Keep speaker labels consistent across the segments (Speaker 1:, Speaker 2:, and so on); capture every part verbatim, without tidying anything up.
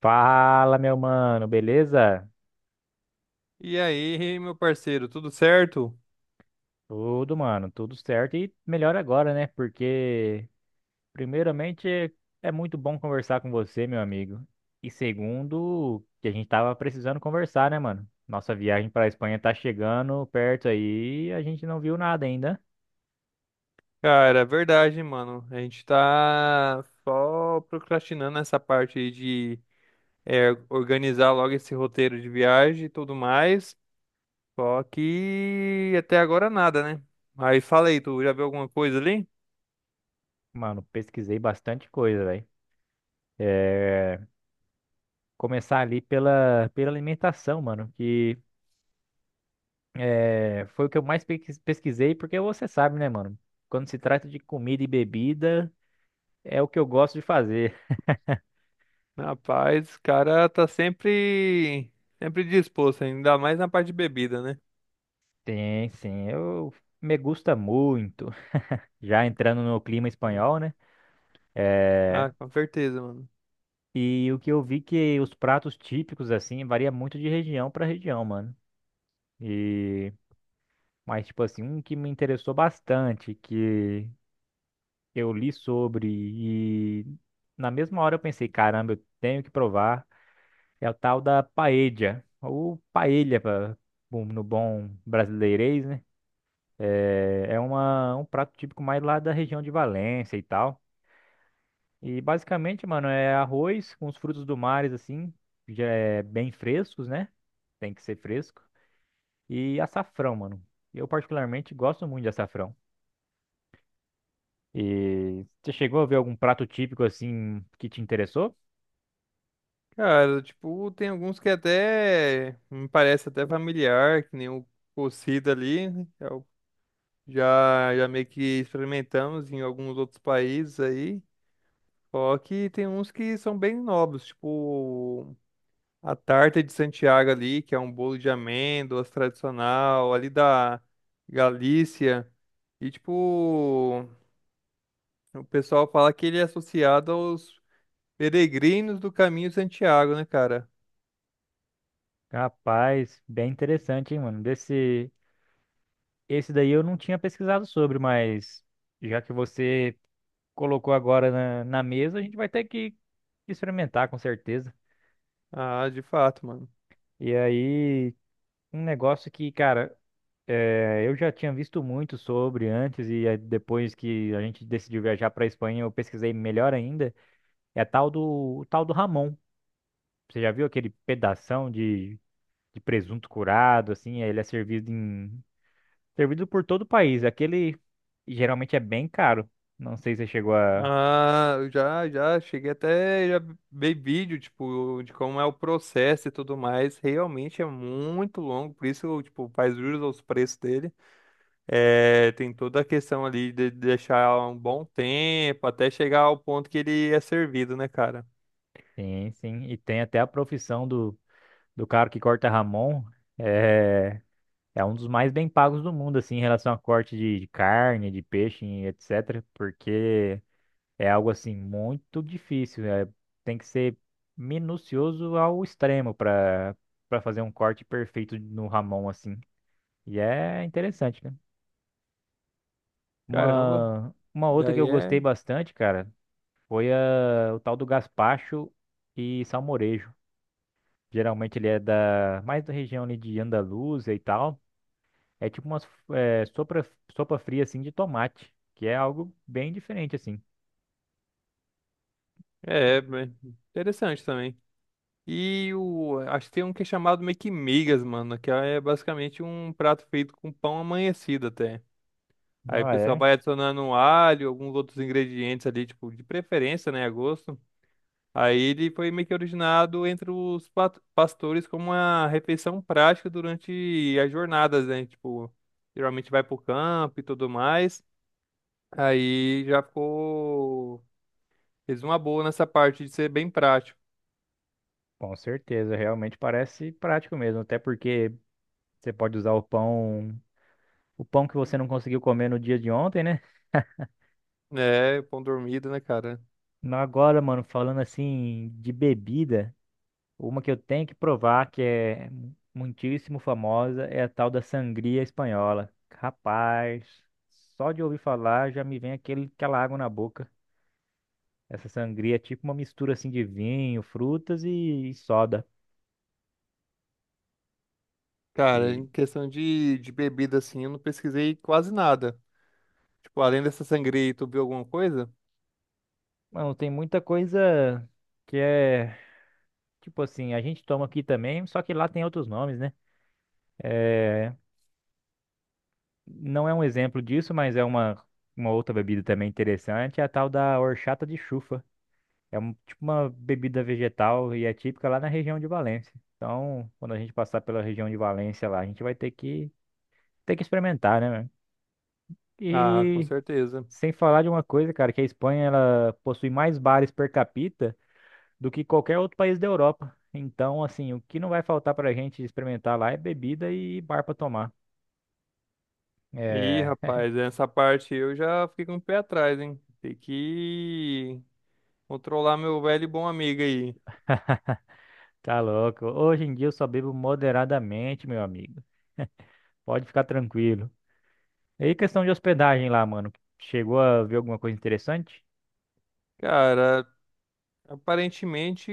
Speaker 1: Fala, meu mano, beleza?
Speaker 2: E aí, meu parceiro, tudo certo?
Speaker 1: Tudo, mano, tudo certo e melhor agora, né? Porque, primeiramente, é é muito bom conversar com você, meu amigo. E segundo, que a gente tava precisando conversar, né, mano? Nossa viagem pra Espanha tá chegando perto aí, e a gente não viu nada ainda.
Speaker 2: Cara, é verdade, mano. A gente tá só procrastinando essa parte aí de é, organizar logo esse roteiro de viagem e tudo mais. Só que até agora nada, né? Mas fala aí, tu já viu alguma coisa ali?
Speaker 1: Mano, pesquisei bastante coisa, velho. É, Começar ali pela, pela alimentação, mano, que É, foi o que eu mais pequis- pesquisei, porque você sabe, né, mano? Quando se trata de comida e bebida, é o que eu gosto de fazer.
Speaker 2: Rapaz, o cara tá sempre, sempre disposto, ainda mais na parte de bebida, né?
Speaker 1: Tem, sim, eu me gusta muito. Já entrando no clima espanhol, né? É,
Speaker 2: Ah, com certeza, mano.
Speaker 1: e o que eu vi que os pratos típicos, assim, varia muito de região para região, mano. E, mas, tipo assim, um que me interessou bastante, que eu li sobre e na mesma hora eu pensei, caramba, eu tenho que provar. É o tal da paella, ou paella pra, bom, no bom brasileirês, né? É, é uma, um prato típico mais lá da região de Valência e tal. E basicamente, mano, é arroz com os frutos do mar, assim, já é bem frescos, né? Tem que ser fresco. E açafrão, mano. Eu particularmente gosto muito de açafrão. E você chegou a ver algum prato típico assim que te interessou?
Speaker 2: Cara, tipo, tem alguns que até me parece até familiar, que nem o cocido ali, né? É Já, já meio que experimentamos em alguns outros países aí. Só que tem uns que são bem novos, tipo a tarta de Santiago ali, que é um bolo de amêndoas tradicional, ali da Galícia. E tipo, o pessoal fala que ele é associado aos peregrinos do Caminho de Santiago, né, cara?
Speaker 1: Rapaz, bem interessante, hein, mano? Desse. Esse daí eu não tinha pesquisado sobre, mas já que você colocou agora na, na mesa, a gente vai ter que experimentar com certeza.
Speaker 2: Ah, de fato, mano.
Speaker 1: E aí, um negócio que, cara, eh, eu já tinha visto muito sobre antes, e aí depois que a gente decidiu viajar pra Espanha, eu pesquisei melhor ainda, é a tal do, o tal do Ramon. Você já viu aquele pedação de, de presunto curado, assim, ele é servido em, servido por todo o país. Aquele geralmente é bem caro. Não sei se você chegou a.
Speaker 2: Ah, eu já, já cheguei até, já vi vídeo, tipo, de como é o processo e tudo mais. Realmente é muito longo, por isso, tipo, faz jus aos preços dele. É, tem toda a questão ali de deixar um bom tempo até chegar ao ponto que ele é servido, né, cara?
Speaker 1: Sim, sim. E tem até a profissão do, do cara que corta Ramon. É, é um dos mais bem pagos do mundo, assim, em relação a corte de, de carne, de peixe, e et cetera. Porque é algo, assim, muito difícil. É, tem que ser minucioso ao extremo para para fazer um corte perfeito no Ramon, assim. E é interessante, né?
Speaker 2: Caramba,
Speaker 1: Uma, uma outra que eu
Speaker 2: daí
Speaker 1: gostei
Speaker 2: é,
Speaker 1: bastante, cara, foi a, o tal do gaspacho e salmorejo. Geralmente ele é da mais da região ali de Andaluzia e tal. É tipo uma sopa, sopa fria assim de tomate, que é algo bem diferente assim.
Speaker 2: é, bem interessante também. E o, acho que tem um que é chamado meio que migas, mano, que é basicamente um prato feito com pão amanhecido até. Aí o
Speaker 1: Ah,
Speaker 2: pessoal
Speaker 1: é?
Speaker 2: vai adicionando um alho, alguns outros ingredientes ali, tipo, de preferência, né, a gosto. Aí ele foi meio que originado entre os pat- pastores como uma refeição prática durante as jornadas, né? Tipo, geralmente vai pro campo e tudo mais. Aí já ficou... Fez uma boa nessa parte de ser bem prático,
Speaker 1: Com certeza, realmente parece prático mesmo, até porque você pode usar o pão, o pão que você não conseguiu comer no dia de ontem, né?
Speaker 2: né? Pão dormido, né, cara?
Speaker 1: Mas Agora, mano, falando assim de bebida, Uma que eu tenho que provar que é muitíssimo famosa é a tal da sangria espanhola. Rapaz, só de ouvir falar já me vem aquele, aquela água na boca. Essa sangria é tipo uma mistura assim de vinho, frutas e soda.
Speaker 2: Cara,
Speaker 1: E,
Speaker 2: em questão de, de bebida, assim, eu não pesquisei quase nada. Tipo, além dessa sangria, tu viu alguma coisa?
Speaker 1: mano, tem muita coisa que é tipo assim, a gente toma aqui também, só que lá tem outros nomes, né? É, não é um exemplo disso, mas é uma, uma outra bebida também interessante, é a tal da horchata de chufa. É um, tipo uma bebida vegetal e é típica lá na região de Valência. Então, quando a gente passar pela região de Valência lá, a gente vai ter que ter que experimentar, né, mano?
Speaker 2: Ah, com
Speaker 1: E
Speaker 2: certeza.
Speaker 1: sem falar de uma coisa, cara, que a Espanha ela possui mais bares per capita do que qualquer outro país da Europa. Então, assim, o que não vai faltar pra gente experimentar lá é bebida e bar pra tomar.
Speaker 2: Ih,
Speaker 1: É,
Speaker 2: rapaz, essa parte eu já fiquei com o pé atrás, hein? Tem que controlar meu velho e bom amigo aí.
Speaker 1: tá louco. Hoje em dia eu só bebo moderadamente, meu amigo. Pode ficar tranquilo. E aí, questão de hospedagem lá, mano. Chegou a ver alguma coisa interessante?
Speaker 2: Cara, aparentemente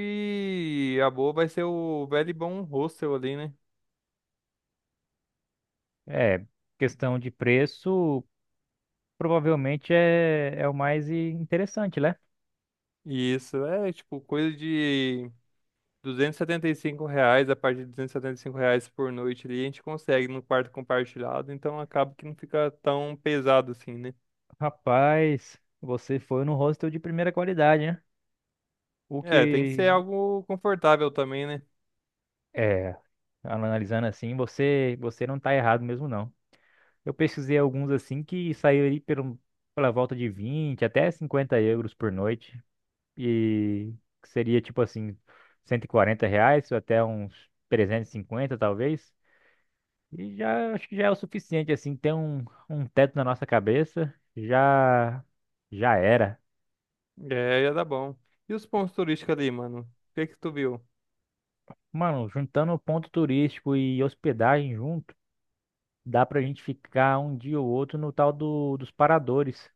Speaker 2: a boa vai ser o velho e bom hostel ali, né?
Speaker 1: É, questão de preço, provavelmente é, é o mais i- interessante, né?
Speaker 2: E isso é tipo coisa de duzentos e setenta e cinco reais, a partir de duzentos e setenta e cinco reais por noite ali, a gente consegue no quarto compartilhado, então acaba que não fica tão pesado assim, né?
Speaker 1: Rapaz, você foi no hostel de primeira qualidade, né? O
Speaker 2: É, tem que ser
Speaker 1: que
Speaker 2: algo confortável também, né?
Speaker 1: é, analisando assim, você você não tá errado mesmo não. Eu pesquisei alguns assim que saíram ali pelo, pela volta de vinte até cinquenta euros por noite e que seria tipo assim cento e quarenta reais até uns trezentos e cinquenta talvez. E já acho que já é o suficiente, assim, ter um, um teto na nossa cabeça, já já era.
Speaker 2: É, ia dar bom. E os pontos turísticos ali, mano? O que que tu viu?
Speaker 1: Mano, juntando o ponto turístico e hospedagem junto, dá pra gente ficar um dia ou outro no tal do, dos paradores,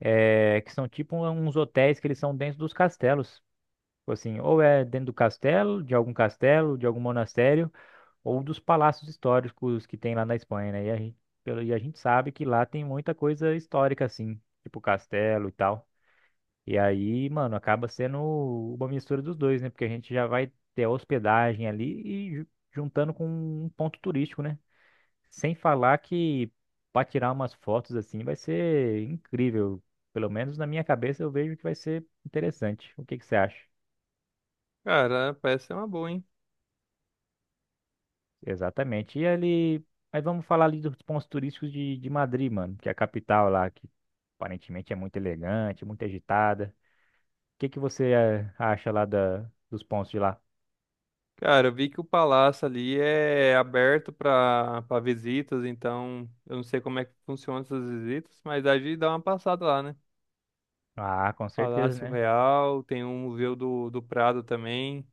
Speaker 1: é, que são tipo um, uns hotéis que eles são dentro dos castelos. Tipo assim, ou é dentro do castelo, de algum castelo, de algum monastério, ou dos palácios históricos que tem lá na Espanha, né? E a gente, pelo- e a gente sabe que lá tem muita coisa histórica, assim, tipo castelo e tal. E aí, mano, acaba sendo uma mistura dos dois, né? Porque a gente já vai ter a hospedagem ali e ju- juntando com um ponto turístico, né? Sem falar que para tirar umas fotos assim vai ser incrível. Pelo menos na minha cabeça eu vejo que vai ser interessante. O que que você acha?
Speaker 2: Cara, parece ser uma boa, hein?
Speaker 1: Exatamente. E ali, mas vamos falar ali dos pontos turísticos de, de Madrid, mano, que é a capital lá, que aparentemente é muito elegante, muito agitada. O que que você eh, acha lá da, dos pontos de lá?
Speaker 2: Cara, eu vi que o palácio ali é aberto pra, para visitas, então eu não sei como é que funcionam essas visitas, mas a gente dá uma passada lá, né?
Speaker 1: Ah, com certeza,
Speaker 2: Palácio
Speaker 1: né?
Speaker 2: Real, tem um museu do, do Prado também,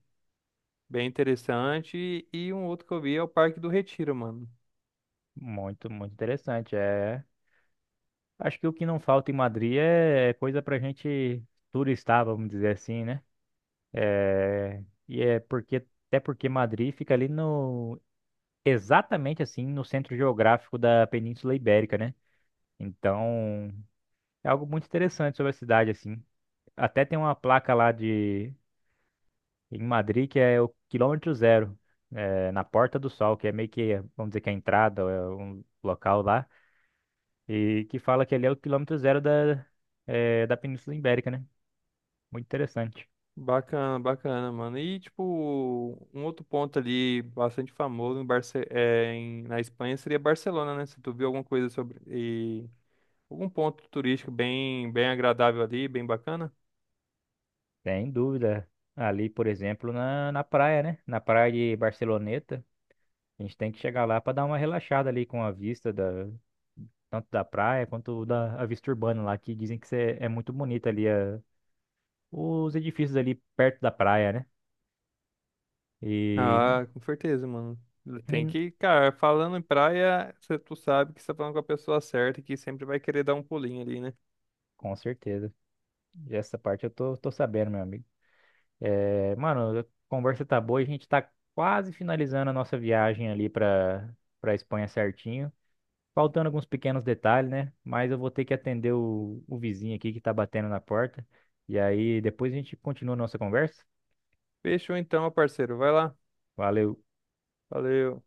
Speaker 2: bem interessante, e um outro que eu vi é o Parque do Retiro, mano.
Speaker 1: Muito, muito interessante. É, acho que o que não falta em Madrid é é coisa pra gente turistar, vamos dizer assim, né? É, e é porque Até porque Madrid fica ali no exatamente assim no centro geográfico da Península Ibérica, né? Então, é algo muito interessante sobre a cidade assim. Até tem uma placa lá de em Madrid que é o quilômetro zero, é, na Porta do Sol, que é meio que, vamos dizer que é a entrada, é um local lá e que fala que ali é o quilômetro zero da, eh, da Península Ibérica, né? Muito interessante.
Speaker 2: Bacana, bacana, mano. E, tipo, um outro ponto ali bastante famoso em Barce é, em- na Espanha seria Barcelona, né? Se tu viu alguma coisa sobre. E, algum ponto turístico bem, bem agradável ali, bem bacana.
Speaker 1: Sem dúvida. Ali, por exemplo, na, na praia, né? Na praia de Barceloneta, a gente tem que chegar lá para dar uma relaxada ali com a vista da, tanto da praia quanto da a vista urbana lá, que dizem que cê- é muito bonita ali a, os edifícios ali perto da praia, né? E,
Speaker 2: Ah, com certeza, mano. Tem
Speaker 1: e
Speaker 2: que, cara, falando em praia, cê- tu sabe que você tá falando com a pessoa certa e que sempre vai querer dar um pulinho ali, né?
Speaker 1: com certeza. E essa parte eu tô, tô sabendo, meu amigo. É, mano, a conversa tá boa, e a gente tá quase finalizando a nossa viagem ali pra, pra Espanha certinho. Faltando alguns pequenos detalhes, né? Mas eu vou ter que atender o, o vizinho aqui que tá batendo na porta. E aí depois a gente continua a nossa conversa.
Speaker 2: Fechou então, meu parceiro. Vai lá.
Speaker 1: Valeu.
Speaker 2: Valeu.